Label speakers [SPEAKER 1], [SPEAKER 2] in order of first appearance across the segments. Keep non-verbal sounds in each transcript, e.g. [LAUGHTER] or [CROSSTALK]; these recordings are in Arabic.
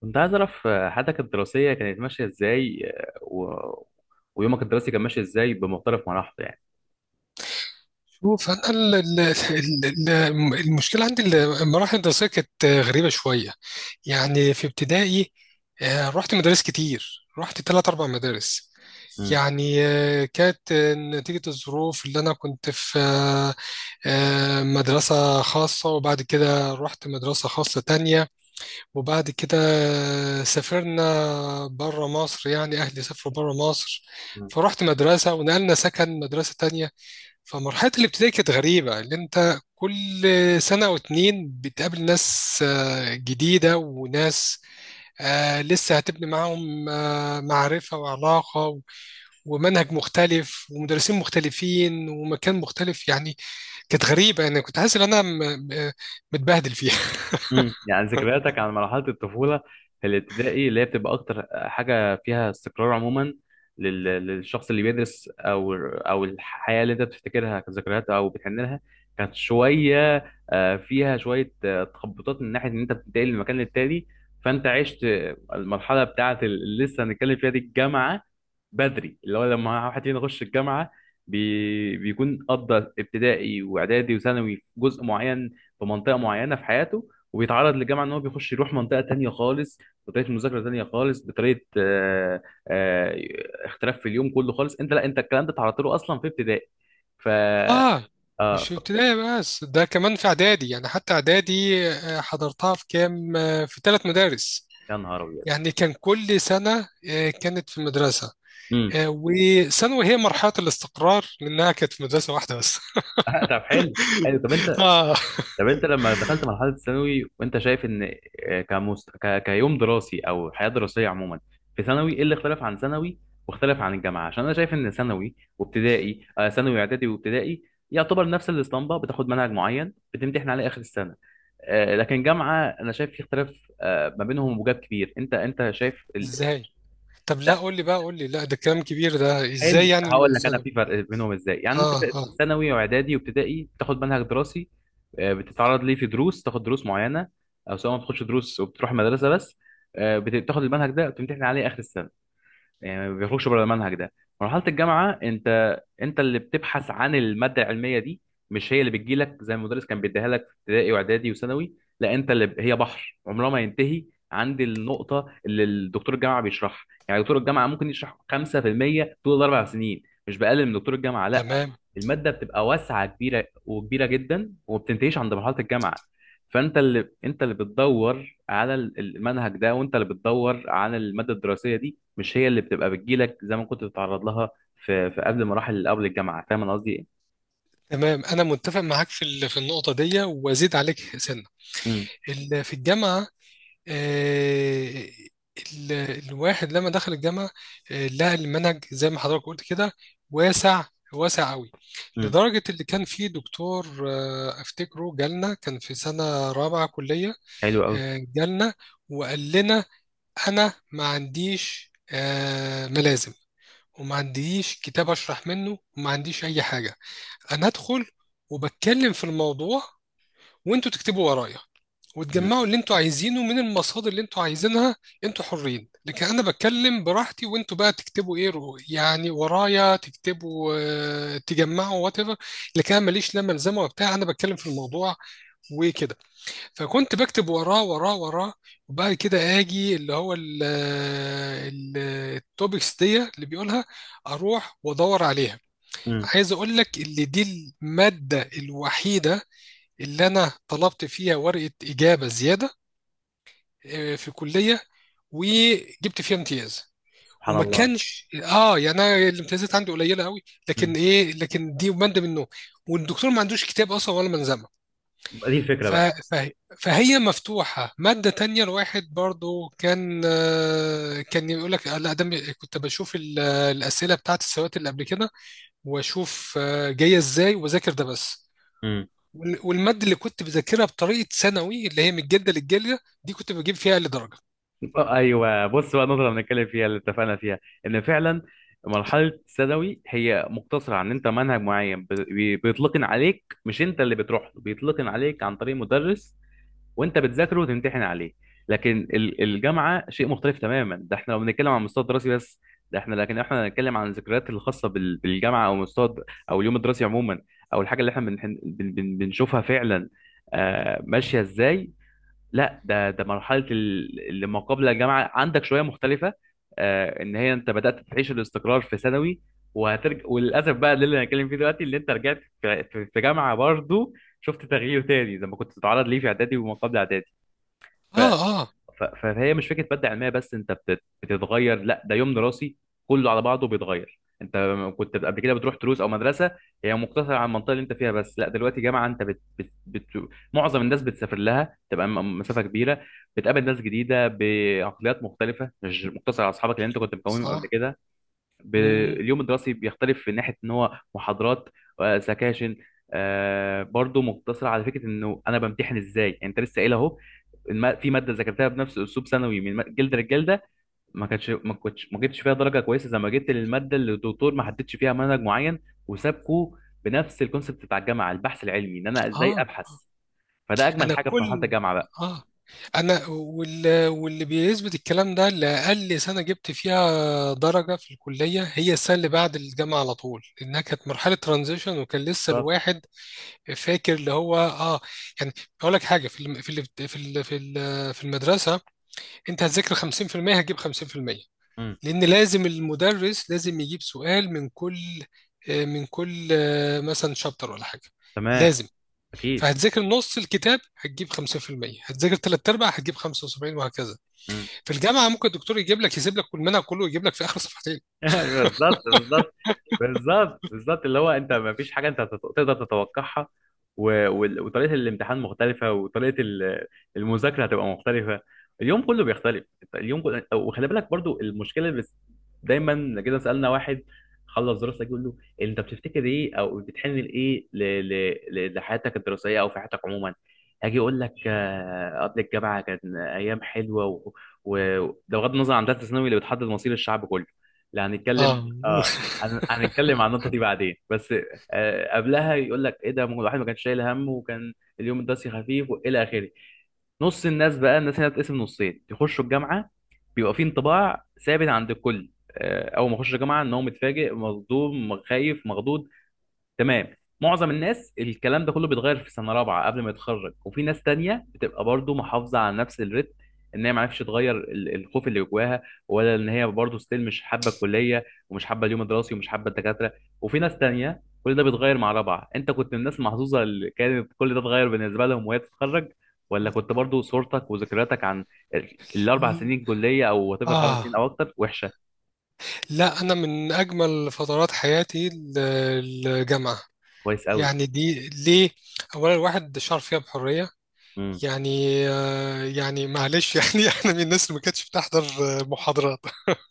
[SPEAKER 1] كنت عايز أعرف حياتك الدراسية كانت ماشية إزاي، ويومك الدراسي كان ماشي إزاي بمختلف مراحله يعني.
[SPEAKER 2] شوف، انا المشكله عندي المراحل الدراسيه كانت غريبه شويه. يعني في ابتدائي، رحت مدارس كتير. رحت ثلاث اربع مدارس يعني. كانت نتيجه الظروف اللي انا كنت في، مدرسه خاصه، وبعد كده رحت مدرسه خاصه تانية. وبعد كده سافرنا بره مصر. يعني اهلي سافروا بره مصر،
[SPEAKER 1] مم.
[SPEAKER 2] فرحت مدرسه، ونقلنا سكن مدرسه تانية. فمرحلة الابتدائي كانت غريبة، اللي انت كل سنة أو اتنين بتقابل ناس جديدة، وناس لسه هتبني معاهم معرفة وعلاقة، ومنهج مختلف ومدرسين مختلفين ومكان مختلف يعني. كانت غريبة. أنا كنت حاسس إن أنا متبهدل فيها.
[SPEAKER 1] يعني ذكرياتك عن مرحلة الطفولة في الابتدائي اللي هي بتبقى أكتر حاجة فيها استقرار عموما للشخص اللي بيدرس أو الحياة اللي أنت بتفتكرها كذكريات أو بتحن لها، كانت شوية فيها شوية تخبطات من ناحية إن أنت بتنتقل من مكان للتاني. فأنت عشت المرحلة بتاعة اللي لسه هنتكلم فيها دي، الجامعة، بدري. اللي هو لما واحد فينا يخش الجامعة، بي بيكون قضى ابتدائي وإعدادي وثانوي في جزء معين، في منطقة معينة في حياته، وبيتعرض للجامعه ان هو بيخش يروح منطقه تانية خالص، بطريقه مذاكره تانية خالص، بطريقه آه، اختلاف في اليوم كله خالص. انت لا انت الكلام ده اتعرضت له اصلا في ابتدائي. ف
[SPEAKER 2] [LAUGHS] آه.
[SPEAKER 1] اه
[SPEAKER 2] مش في
[SPEAKER 1] ف...
[SPEAKER 2] ابتدائي بس، ده كمان في إعدادي. يعني حتى إعدادي حضرتها في كام، في ثلاث مدارس.
[SPEAKER 1] يا نهار ابيض.
[SPEAKER 2] يعني كان كل سنة كانت في مدرسة.
[SPEAKER 1] امم
[SPEAKER 2] وثانوي هي مرحلة الاستقرار، لأنها كانت في مدرسة واحدة بس.
[SPEAKER 1] [LAUGHS] طب حلو. حلو. طب
[SPEAKER 2] [LAUGHS]
[SPEAKER 1] انت
[SPEAKER 2] آه.
[SPEAKER 1] طب انت لما دخلت مرحله الثانوي وانت شايف ان كيوم دراسي او حياه دراسيه عموما في ثانوي، ايه اللي اختلف عن ثانوي واختلف عن الجامعه؟ عشان انا شايف ان ثانوي وابتدائي ثانوي اعدادي وابتدائي يعتبر نفس الاسطمبه، بتاخد منهج معين بتمتحن عليه اخر السنه. لكن جامعه انا شايف في اختلاف ما بينهم وجاب كبير. انت شايف
[SPEAKER 2] إزاي؟ طب لا،
[SPEAKER 1] لا.
[SPEAKER 2] قول لي بقى. قول لي، لا ده كلام كبير ده. إزاي
[SPEAKER 1] حلو
[SPEAKER 2] يعني
[SPEAKER 1] هقول لك انا
[SPEAKER 2] الثانوي؟
[SPEAKER 1] في فرق بينهم ازاي. يعني انت
[SPEAKER 2] آه، آه.
[SPEAKER 1] في ثانوي واعدادي وابتدائي بتاخد منهج دراسي، بتتعرض ليه في دروس، تاخد دروس معينه او سواء ما بتاخدش دروس وبتروح مدرسه بس، بتاخد المنهج ده وتمتحن عليه اخر السنه، يعني ما بيخرجش بره المنهج ده. مرحله الجامعه انت اللي بتبحث عن الماده العلميه دي، مش هي اللي بتجيلك زي المدرس كان بيديها لك في ابتدائي واعدادي وثانوي. لا انت اللي هي بحر عمرها ما ينتهي عند النقطه اللي الدكتور الجامعه بيشرحها. يعني دكتور الجامعه ممكن يشرح 5% طول الاربع سنين، مش بقلل من دكتور الجامعه لا،
[SPEAKER 2] تمام.
[SPEAKER 1] الماده بتبقى واسعه، كبيره وكبيره جدا، وما بتنتهيش عند مرحله الجامعه. فانت اللي بتدور على المنهج ده، وانت اللي بتدور على الماده الدراسيه دي، مش هي اللي بتبقى بتجيلك زي ما كنت بتتعرض لها في قبل مراحل اللي قبل الجامعه. فاهم انا قصدي ايه؟
[SPEAKER 2] تمام، أنا متفق معاك في في النقطة دي، وأزيد عليك سنة.
[SPEAKER 1] امم.
[SPEAKER 2] في الجامعة. آه. الواحد لما دخل الجامعة، آه، لقى المنهج زي ما حضرتك قلت كده واسع. واسع قوي.
[SPEAKER 1] امم.
[SPEAKER 2] لدرجة اللي كان فيه دكتور آه، أفتكره جالنا كان في سنة رابعة كلية.
[SPEAKER 1] حلو قوي.
[SPEAKER 2] جالنا وقال لنا: انا ما عنديش ملازم، وما عنديش كتاب اشرح منه، وما عنديش اي حاجه. انا ادخل وبتكلم في الموضوع، وانتوا تكتبوا ورايا،
[SPEAKER 1] امم.
[SPEAKER 2] وتجمعوا اللي انتوا عايزينه من المصادر اللي انتوا عايزينها. انتوا حرين. لكن انا بتكلم براحتي، وانتوا بقى تكتبوا ايه، يعني ورايا تكتبوا. تجمعوا وات ايفر. لكن انا ماليش لا ملزمه وبتاع. انا بتكلم في الموضوع وكده. فكنت بكتب وراه وراه وراه. وبعد كده اجي اللي هو ال- التوبكس دي اللي بيقولها، اروح وادور عليها.
[SPEAKER 1] امم.
[SPEAKER 2] عايز اقول لك اللي دي الماده الوحيده اللي انا طلبت فيها ورقه اجابه زياده في كليه، وجبت فيها امتياز.
[SPEAKER 1] سبحان
[SPEAKER 2] وما
[SPEAKER 1] الله.
[SPEAKER 2] كانش اه، يعني انا الامتيازات عندي قليله قوي. لكن
[SPEAKER 1] امم.
[SPEAKER 2] ايه، لكن دي ماده منه. والدكتور ما عندوش كتاب اصلا ولا منظمه.
[SPEAKER 1] دي الفكره
[SPEAKER 2] ف...
[SPEAKER 1] بقى.
[SPEAKER 2] ف... فهي مفتوحة. مادة تانية الواحد برضو كان كان يقول لك لا ده كنت بشوف الأسئلة بتاعت السوات اللي قبل كده، وأشوف جاية إزاي وأذاكر ده بس.
[SPEAKER 1] امم.
[SPEAKER 2] والمادة اللي كنت بذاكرها بطريقة ثانوي، اللي هي من الجلدة للجلدة، دي كنت بجيب فيها أقل درجة.
[SPEAKER 1] ايوه بص بقى، النقطه اللي بنتكلم فيها اللي اتفقنا فيها، ان فعلا مرحله الثانوي هي مقتصره عن انت منهج معين بيتلقن عليك، مش انت اللي بتروح له، بيتلقن عليك عن طريق مدرس وانت بتذاكره وتمتحن عليه. لكن الجامعه شيء مختلف تماما. ده احنا لو بنتكلم عن مستوى دراسي بس. ده احنا لكن احنا هنتكلم عن الذكريات الخاصه بالجامعه او او اليوم الدراسي عموما، او الحاجه اللي احنا بنشوفها فعلا ماشيه ازاي. لا ده مرحله اللي ما قبل الجامعه عندك شويه مختلفه، ان هي انت بدات تعيش الاستقرار في ثانوي، وهترجع وللاسف بقى ده اللي هنتكلم فيه دلوقتي، اللي انت رجعت في في جامعه برضو شفت تغيير تاني زي ما كنت تتعرض ليه في اعدادي وما قبل اعدادي. ف...
[SPEAKER 2] آه، آه.
[SPEAKER 1] فهي مش فكره ماده علميه بس انت بتتغير، لا ده يوم دراسي كله على بعضه بيتغير. انت كنت قبل كده بتروح دروس او مدرسه هي مقتصره على المنطقه اللي انت فيها بس، لا دلوقتي جامعه انت معظم الناس بتسافر لها تبقى مسافه كبيره، بتقابل ناس جديده بعقليات مختلفه، مش مقتصر على اصحابك اللي انت كنت مكونهم قبل
[SPEAKER 2] صح.
[SPEAKER 1] كده. ب...
[SPEAKER 2] م- م.
[SPEAKER 1] اليوم الدراسي بيختلف في ناحيه ان هو محاضرات، سكاشن، برضو مقتصر على فكره انه انا بمتحن ازاي. يعني انت لسه قايل اهو، في ماده ذاكرتها بنفس اسلوب ثانوي من جلد للجلده، ما كانتش ما كنتش ما جبتش فيها درجه كويسه زي ما جبت للماده اللي الدكتور ما حددش فيها منهج معين وسابكوا بنفس الكونسبت بتاع الجامعه، البحث العلمي، ان انا ازاي
[SPEAKER 2] آه.
[SPEAKER 1] ابحث. فده اجمل
[SPEAKER 2] انا
[SPEAKER 1] حاجه في مرحله
[SPEAKER 2] كل،
[SPEAKER 1] الجامعه بقى.
[SPEAKER 2] اه، انا واللي بيثبت الكلام ده، اللي اقل سنه جبت فيها درجه في الكليه هي السنه اللي بعد الجامعه على طول، لانها كانت مرحله ترانزيشن وكان لسه
[SPEAKER 1] بالظبط.
[SPEAKER 2] الواحد فاكر اللي هو اه. يعني اقول لك حاجه: في الم... في ال... في ال... في ال... في المدرسه انت هتذاكر 50% هتجيب 50%.
[SPEAKER 1] مم.
[SPEAKER 2] لان لازم المدرس لازم يجيب سؤال من كل من كل مثلا شابتر ولا حاجه.
[SPEAKER 1] تمام.
[SPEAKER 2] لازم.
[SPEAKER 1] اكيد.
[SPEAKER 2] فهتذاكر نص الكتاب هتجيب 50%. هتذاكر ثلاث ارباع هتجيب 75 وهكذا.
[SPEAKER 1] مم.
[SPEAKER 2] في الجامعه ممكن الدكتور يجيب لك، يسيب لك كل المنهج كله ويجيب لك في اخر صفحتين.
[SPEAKER 1] [LAUGHS] بالظبط بالظبط. بالظبط بالظبط اللي هو انت ما فيش حاجه انت تقدر تتوقعها، وطريقه الامتحان مختلفه، وطريقه المذاكره هتبقى مختلفه، اليوم كله بيختلف. انت اليوم كله وخلي بالك برضو، المشكله بس دايما كده، سالنا واحد خلص دراسه يقول له انت بتفتكر ايه او بتحن لايه لحياتك الدراسيه او في حياتك عموما، هاجي اقول لك قبل الجامعه كان ايام حلوه ده بغض النظر عن ثالثه ثانوي اللي بتحدد مصير الشعب كله، لا هنتكلم
[SPEAKER 2] اه.
[SPEAKER 1] اه، هنتكلم عن النقطة دي بعدين بس. قبلها يقول لك ايه؟ ده ما هو الواحد ما كانش شايل هم، وكان اليوم الدراسي خفيف والى اخره. نص الناس بقى، الناس هنا بتتقسم نصين يخشوا الجامعة، بيبقى في انطباع ثابت عند الكل اول ما يخش الجامعة ان هو متفاجئ مصدوم خايف مخضوض، تمام. معظم الناس الكلام ده كله بيتغير في سنه رابعه قبل ما يتخرج، وفي ناس تانية بتبقى برضو محافظه على نفس الريتم، ان هي ما عرفتش تغير الخوف اللي جواها، ولا ان هي برضو ستيل مش حابه الكليه ومش حابه اليوم الدراسي ومش حابه الدكاتره. وفي ناس تانية كل ده بيتغير مع رابعه. انت كنت من الناس المحظوظه اللي كانت كل ده اتغير بالنسبه لهم وهي تتخرج؟ ولا كنت
[SPEAKER 2] [LAUGHS]
[SPEAKER 1] برضو صورتك وذكرياتك عن الاربع سنين كليه او وات ايفر خمس
[SPEAKER 2] آه.
[SPEAKER 1] سنين او اكتر وحشه؟
[SPEAKER 2] لا، أنا من أجمل فترات حياتي الجامعة.
[SPEAKER 1] كويس قوي.
[SPEAKER 2] يعني دي ليه؟ أولا الواحد شعر فيها بحرية.
[SPEAKER 1] امم.
[SPEAKER 2] يعني آه، يعني معلش، [LAUGHS] يعني أنا من الناس اللي ما كانتش بتحضر محاضرات.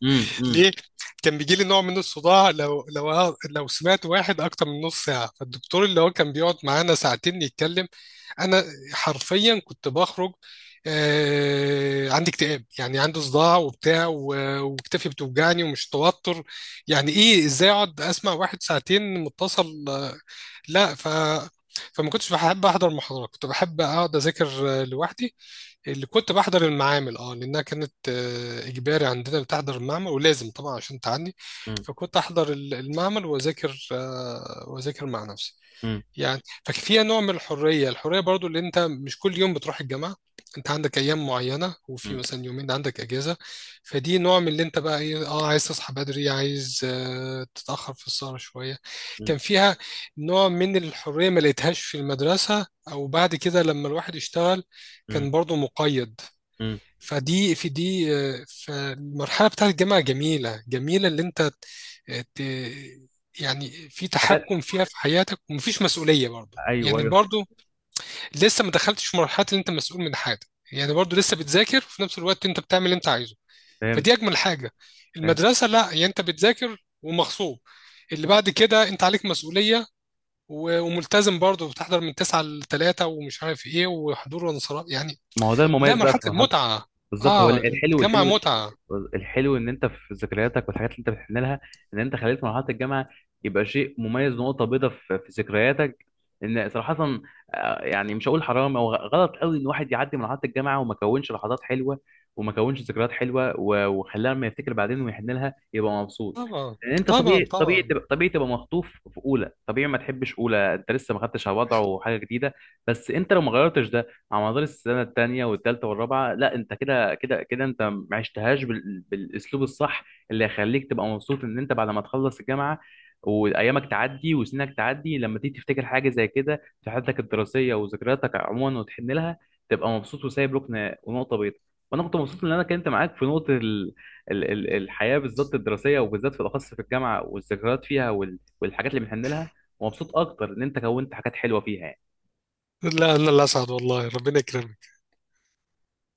[SPEAKER 1] امم.
[SPEAKER 2] ليه؟ كان بيجي لي نوع من الصداع، لو سمعت واحد اكتر من نص ساعه. فالدكتور اللي هو كان بيقعد معانا ساعتين يتكلم، انا حرفيا كنت بخرج. آه، عندي اكتئاب، يعني عندي صداع وبتاع، وكتفي بتوجعني ومش توتر. يعني ايه ازاي اقعد اسمع واحد ساعتين متصل لا. فما كنتش بحب احضر محاضرات. كنت بحب اقعد اذاكر لوحدي. اللي كنت بحضر المعامل، اه، لانها كانت اجباري عندنا بتحضر المعمل، ولازم طبعا عشان تعدي.
[SPEAKER 1] امم.
[SPEAKER 2] فكنت احضر المعمل واذاكر واذاكر مع نفسي
[SPEAKER 1] امم.
[SPEAKER 2] يعني. ففيها نوع من الحرية. الحرية برضو اللي انت مش كل يوم بتروح الجامعة. انت عندك ايام معينة، وفي
[SPEAKER 1] امم.
[SPEAKER 2] مثلا يومين عندك اجازة. فدي نوع من اللي انت بقى ايه، اه، عايز تصحى بدري، عايز تتأخر في السهرة شوية. كان فيها نوع من الحرية ما لقيتهاش في المدرسة، او بعد كده لما الواحد اشتغل.
[SPEAKER 1] امم.
[SPEAKER 2] كان برضو مقيد.
[SPEAKER 1] مم.
[SPEAKER 2] فدي في دي. فالمرحلة بتاعت الجامعة جميلة. جميلة اللي انت آه، ت- يعني في
[SPEAKER 1] حاجات.
[SPEAKER 2] تحكم فيها في حياتك، ومفيش مسؤولية برضو،
[SPEAKER 1] ايوه
[SPEAKER 2] يعني
[SPEAKER 1] ايوه.
[SPEAKER 2] برضو لسه ما دخلتش في مرحلة ان انت مسؤول من حاجة. يعني برضو لسه بتذاكر وفي نفس الوقت انت بتعمل اللي انت عايزه.
[SPEAKER 1] فهمت.
[SPEAKER 2] فدي اجمل حاجة.
[SPEAKER 1] فهمت.
[SPEAKER 2] المدرسة لا، يعني انت بتذاكر ومغصوب. اللي بعد كده انت عليك مسؤولية، وملتزم برضو بتحضر من 9 ل 3 ومش عارف ايه، وحضور وانصراف يعني.
[SPEAKER 1] ما هو ده
[SPEAKER 2] لا،
[SPEAKER 1] المميز بقى
[SPEAKER 2] مرحلة
[SPEAKER 1] في مرحله.
[SPEAKER 2] المتعة.
[SPEAKER 1] بالظبط، هو
[SPEAKER 2] اه،
[SPEAKER 1] الحلو
[SPEAKER 2] الجامعة
[SPEAKER 1] والحلو.
[SPEAKER 2] متعة.
[SPEAKER 1] الحلو ان انت في ذكرياتك والحاجات اللي انت بتحن لها، ان انت خليت مرحله الجامعه يبقى شيء مميز، نقطه بيضاء في في ذكرياتك ان صراحه يعني مش هقول حرام او غلط قوي ان الواحد يعدي مرحله الجامعه وما كونش لحظات حلوه وما كونش ذكريات حلوه وخلاها لما يفتكر بعدين ويحن لها يبقى مبسوط.
[SPEAKER 2] طبعا،
[SPEAKER 1] لان انت
[SPEAKER 2] طبعا،
[SPEAKER 1] طبيعي، طبيعي
[SPEAKER 2] طبعا.
[SPEAKER 1] تبقى، طبيعي تبقى مخطوف في اولى، طبيعي ما تحبش اولى، انت لسه ما خدتش على وضعه وحاجه جديده. بس انت لو ما غيرتش ده على مدار السنه الثانيه والثالثه والرابعه، لا انت كده كده كده انت ما عشتهاش بالاسلوب الصح اللي هيخليك تبقى مبسوط ان انت بعد ما تخلص الجامعه وايامك تعدي وسنك تعدي، لما تيجي تفتكر حاجه زي كده في حياتك الدراسيه وذكرياتك عموما وتحن لها تبقى مبسوط وسايب ركن ونقطه بيضاء. وانا كنت مبسوط ان انا كنت معاك في نقطه الحياه بالذات الدراسيه، وبالذات في الاخص في الجامعه والذكريات فيها والحاجات اللي بنحن لها، ومبسوط اكتر ان انت كونت حاجات حلوه فيها يعني.
[SPEAKER 2] لا، لا، الأسعد والله. ربنا يكرمك.